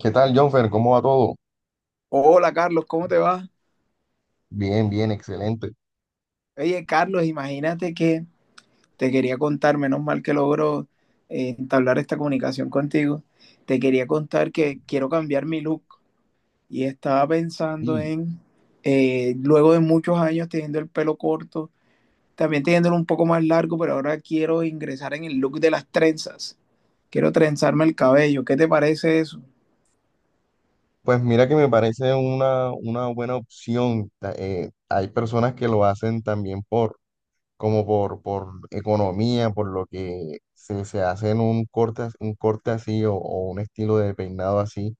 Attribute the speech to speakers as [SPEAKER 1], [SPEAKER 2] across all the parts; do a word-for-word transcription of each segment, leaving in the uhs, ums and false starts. [SPEAKER 1] ¿Qué tal, Jonfer? ¿Cómo va todo?
[SPEAKER 2] Hola Carlos, ¿cómo te va?
[SPEAKER 1] Bien, bien, excelente.
[SPEAKER 2] Oye Carlos, imagínate que te quería contar, menos mal que logro eh, entablar esta comunicación contigo. Te quería contar que quiero cambiar mi look y estaba pensando
[SPEAKER 1] Y
[SPEAKER 2] en, eh, luego de muchos años teniendo el pelo corto, también teniéndolo un poco más largo, pero ahora quiero ingresar en el look de las trenzas, quiero trenzarme el cabello. ¿Qué te parece eso?
[SPEAKER 1] pues mira que me parece una, una buena opción. Ta- eh, hay personas que lo hacen también por, como por, por economía, por lo que se, se hacen un corte, as- un corte así o, o un estilo de peinado así.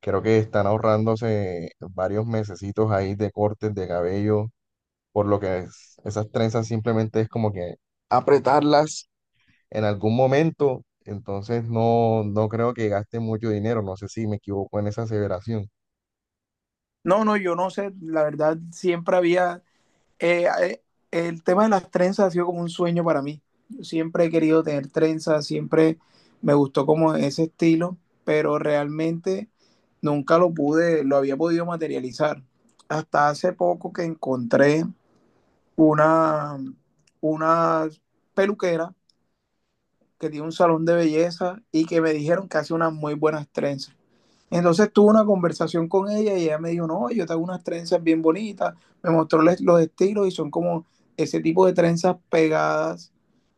[SPEAKER 1] Creo que están ahorrándose varios mesecitos ahí de cortes de cabello, por lo que es- esas trenzas simplemente es como que apretarlas en algún momento, entonces no, no creo que gaste mucho dinero, no sé si me equivoco en esa aseveración.
[SPEAKER 2] No, no, yo no sé, la verdad siempre había Eh, eh, el tema de las trenzas ha sido como un sueño para mí. Yo siempre he querido tener trenzas, siempre me gustó como ese estilo, pero realmente nunca lo pude, lo había podido materializar. Hasta hace poco que encontré una, una peluquera que tiene un salón de belleza y que me dijeron que hace unas muy buenas trenzas. Entonces tuve una conversación con ella y ella me dijo: no, yo tengo unas trenzas bien bonitas. Me mostró les- los estilos y son como ese tipo de trenzas pegadas,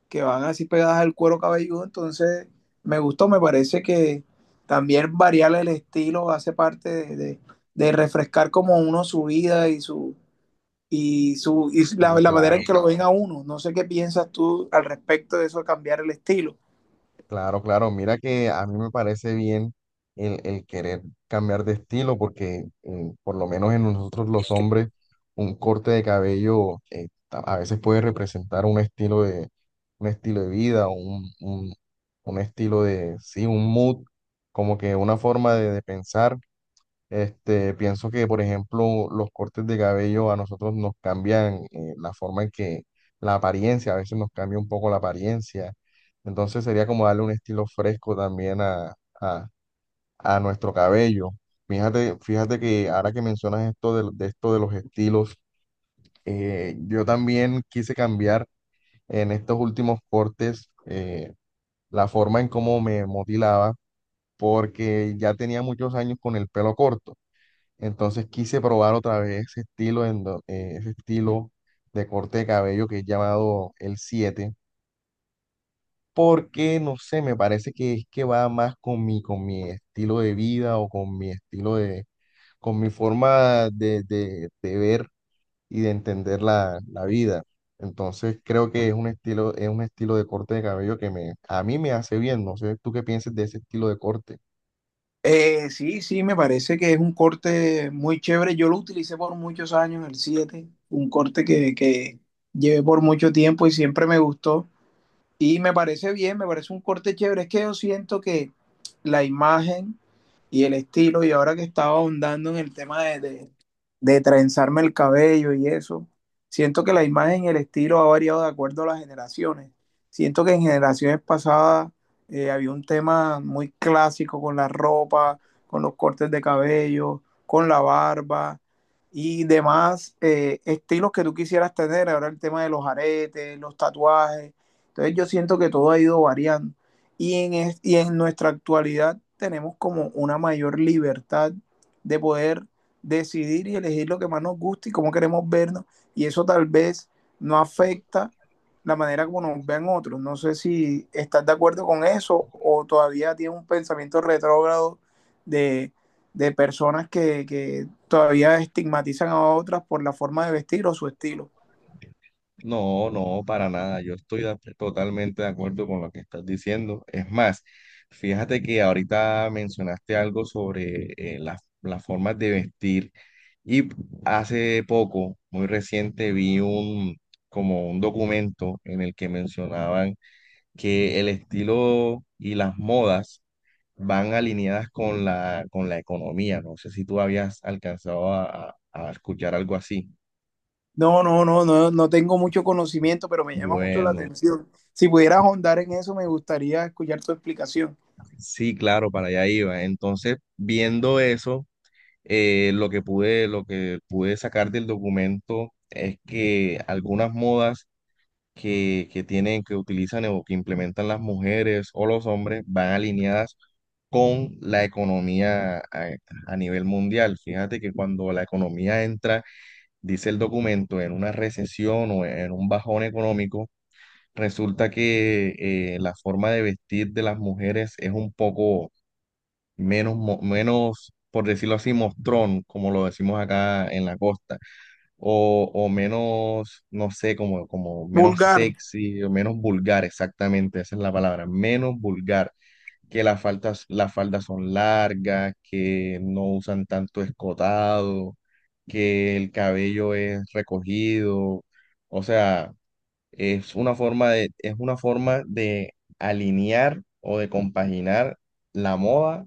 [SPEAKER 2] que van así pegadas al cuero cabelludo. Entonces me gustó, me parece que también variar el estilo hace parte de, de- de refrescar como uno su vida y su y su y la,
[SPEAKER 1] Y
[SPEAKER 2] la manera
[SPEAKER 1] claro,
[SPEAKER 2] en que lo ven
[SPEAKER 1] claro,
[SPEAKER 2] a uno. No sé qué piensas tú al respecto de eso, cambiar el estilo.
[SPEAKER 1] claro, claro, mira que a mí me parece bien el, el querer cambiar de estilo, porque eh, por lo menos en nosotros los hombres, un corte de cabello eh, ta- a veces puede representar un estilo de, un estilo de vida, un, un, un estilo de, sí, un mood, como que una forma de de pensar. Este, pienso que, por ejemplo, los cortes de cabello a nosotros nos cambian eh, la forma en que la apariencia, a veces nos cambia un poco la apariencia. Entonces sería como darle un estilo fresco también a, a, a nuestro cabello. Fíjate, fíjate que ahora que mencionas esto de, de esto de los estilos, eh, yo también quise cambiar en estos últimos cortes eh, la forma en cómo me motilaba porque ya tenía muchos años con el pelo corto. Entonces quise probar otra vez ese estilo, en do- eh, ese estilo de corte de cabello que es llamado el siete porque no sé, me parece que es que va más con mi, con mi estilo de vida o con mi estilo de, con mi forma de, de- de ver y de entender la, la vida. Entonces creo que es un estilo, es un estilo de corte de cabello que me, a mí me hace bien. No sé, ¿tú qué piensas de ese estilo de corte?
[SPEAKER 2] Eh, sí, sí, me parece que es un corte muy chévere. Yo lo utilicé por muchos años, el siete, un corte que, que llevé por mucho tiempo y siempre me gustó. Y me parece bien, me parece un corte chévere. Es que yo siento que la imagen y el estilo, y ahora que estaba ahondando en el tema de, de, de trenzarme el cabello y eso, siento que la imagen y el estilo ha variado de acuerdo a las generaciones. Siento que en generaciones pasadas eh, había un tema muy clásico con la ropa, con los cortes de cabello, con la barba y demás eh, estilos que tú quisieras tener. Ahora el tema de los aretes, los tatuajes, entonces yo siento que todo ha ido variando y en, es, y en nuestra actualidad tenemos como una mayor libertad de poder decidir y elegir lo que más nos gusta y cómo queremos vernos, y eso tal vez no afecta la manera como nos ven otros. No sé si estás de acuerdo con eso o todavía tienes un pensamiento retrógrado de, de personas que, que, todavía estigmatizan a otras por la forma de vestir o su estilo.
[SPEAKER 1] No, no, para nada. Yo estoy de- totalmente de acuerdo con lo que estás diciendo. Es más, fíjate que ahorita mencionaste algo sobre eh, las las formas de vestir y hace poco, muy reciente, vi un como un documento en el que mencionaban que el estilo y las modas van alineadas con la con la economía. No sé si tú habías alcanzado a a- a escuchar algo así.
[SPEAKER 2] No, no, no, no, no tengo mucho conocimiento, pero me llama mucho la
[SPEAKER 1] Bueno.
[SPEAKER 2] atención. Si pudieras ahondar en eso, me gustaría escuchar tu explicación.
[SPEAKER 1] Sí, claro, para allá iba. Entonces, viendo eso, eh, lo que pude, lo que pude sacar del documento es que algunas modas que, que tienen, que utilizan o que implementan las mujeres o los hombres van alineadas con la economía a, a nivel mundial. Fíjate que cuando la economía entra, dice el documento, en una recesión o en un bajón económico, resulta que eh, la forma de vestir de las mujeres es un poco menos, mo- menos, por decirlo así, mostrón, como lo decimos acá en la costa, o, o menos, no sé, como, como menos
[SPEAKER 2] Vulgar,
[SPEAKER 1] sexy, o menos vulgar, exactamente, esa es la palabra, menos vulgar, que las faldas, las faldas son largas, que no usan tanto escotado, que el cabello es recogido, o sea, es una forma de, es una forma de alinear o de compaginar la moda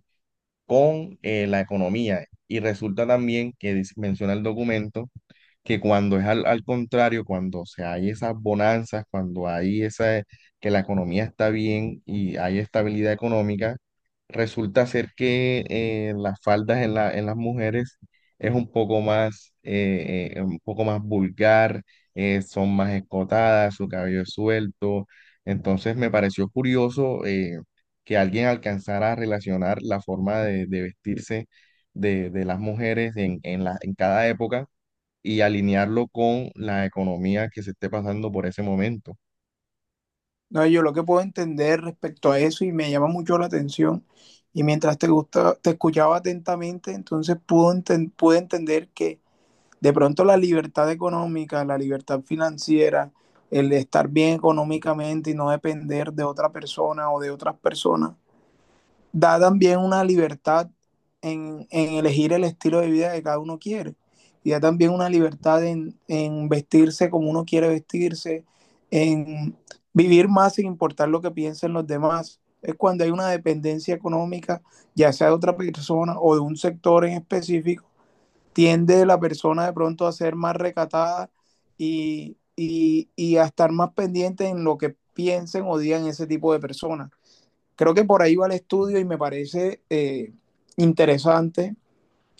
[SPEAKER 1] con eh, la economía. Y resulta también que dice- menciona el documento que cuando es al, al contrario, cuando se hay esas bonanzas, cuando hay esa, que la economía está bien y hay estabilidad económica, resulta ser que eh, las faldas en la, en las mujeres es un poco más, eh, eh, un poco más vulgar, eh, son más escotadas, su cabello es suelto. Entonces me pareció curioso eh, que alguien alcanzara a relacionar la forma de, de vestirse de, de las mujeres en, en la, en cada época y alinearlo con la economía que se esté pasando por ese momento.
[SPEAKER 2] no, yo lo que puedo entender respecto a eso y me llama mucho la atención. Y mientras te gusta, te escuchaba atentamente, entonces pudo enten- pude entender que de pronto la libertad económica, la libertad financiera, el estar bien económicamente y no depender de otra persona o de otras personas da también una libertad en, en elegir el estilo de vida que cada uno quiere. Y da también una libertad en, en vestirse como uno quiere vestirse, en vivir más sin importar lo que piensen los demás. Es cuando hay una dependencia económica, ya sea de otra persona o de un sector en específico, tiende la persona de pronto a ser más recatada y, y, y a estar más pendiente en lo que piensen o digan ese tipo de personas. Creo que por ahí va el estudio y me parece eh, interesante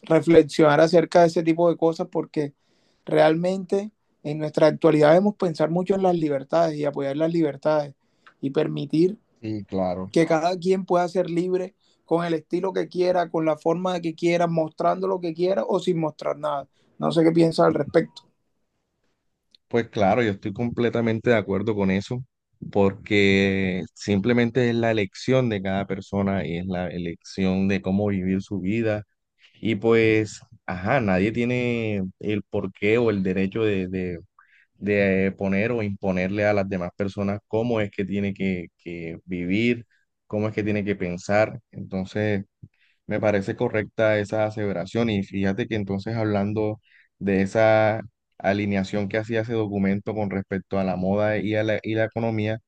[SPEAKER 2] reflexionar acerca de ese tipo de cosas porque realmente en nuestra actualidad debemos pensar mucho en las libertades y apoyar las libertades y permitir
[SPEAKER 1] Sí, claro.
[SPEAKER 2] que cada quien pueda ser libre con el estilo que quiera, con la forma que quiera, mostrando lo que quiera o sin mostrar nada. No sé qué piensas al respecto.
[SPEAKER 1] Pues claro, yo estoy completamente de acuerdo con eso, porque simplemente es la elección de cada persona y es la elección de cómo vivir su vida. Y pues, ajá, nadie tiene el porqué o el derecho de, de, de poner o imponerle a las demás personas cómo es que tiene que, que vivir, cómo es que tiene que pensar. Entonces... Me parece correcta esa aseveración y fíjate que entonces hablando de esa alineación que hacía ese documento con respecto a la moda y a la, y la economía,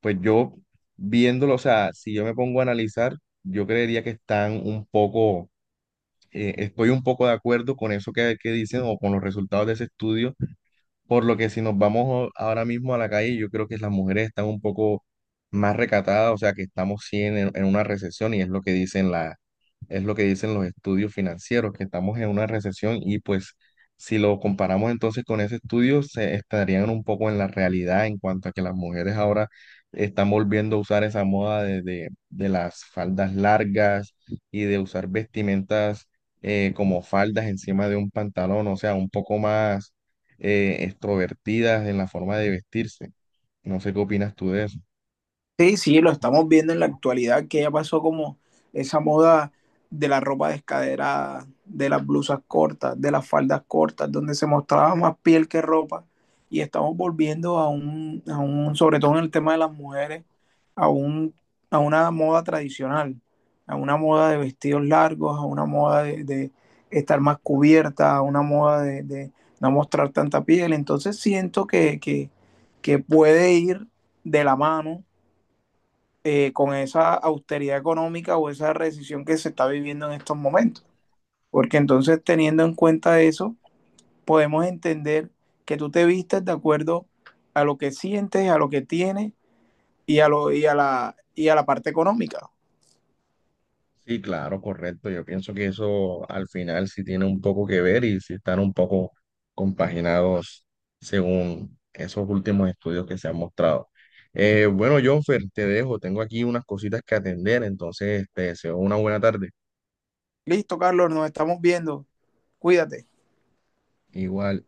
[SPEAKER 1] pues yo viéndolo, o sea, si yo me pongo a analizar, yo creería que están un poco, eh, estoy un poco de acuerdo con eso que, que dicen o con los resultados de ese estudio por lo que si nos vamos a- ahora mismo a la calle, yo creo que las mujeres están un poco más recatadas, o sea que estamos sí en, en una recesión y es lo que dicen la, es lo que dicen los estudios financieros, que estamos en una recesión y pues si lo comparamos entonces con ese estudio, se estarían un poco en la realidad en cuanto a que las mujeres ahora están volviendo a usar esa moda de, de, de las faldas largas y de usar vestimentas eh, como faldas encima de un pantalón, o sea, un poco más eh, extrovertidas en la forma de vestirse. No sé qué opinas tú de eso.
[SPEAKER 2] Sí, sí, lo estamos viendo en la actualidad, que ya pasó como esa moda de la ropa descaderada, de las blusas cortas, de las faldas cortas, donde se mostraba más piel que ropa. Y estamos volviendo a un, a un, sobre todo en el tema de las mujeres, a un, a una moda tradicional, a una moda de vestidos largos, a una moda de, de estar más cubierta, a una moda de, de no mostrar tanta piel. Entonces siento que, que, que puede ir de la mano eh, con esa austeridad económica o esa recesión que se está viviendo en estos momentos. Porque entonces teniendo en cuenta eso, podemos entender que tú te vistes de acuerdo a lo que sientes, a lo que tienes y a, lo, y a, la, y a la parte económica.
[SPEAKER 1] Sí, claro, correcto. Yo pienso que eso al final sí tiene un poco que ver y sí están un poco compaginados según esos últimos estudios que se han mostrado. Eh, bueno, Jonfer, te dejo. Tengo aquí unas cositas que atender, entonces te deseo una buena tarde.
[SPEAKER 2] Listo, Carlos, nos estamos viendo. Cuídate.
[SPEAKER 1] Igual.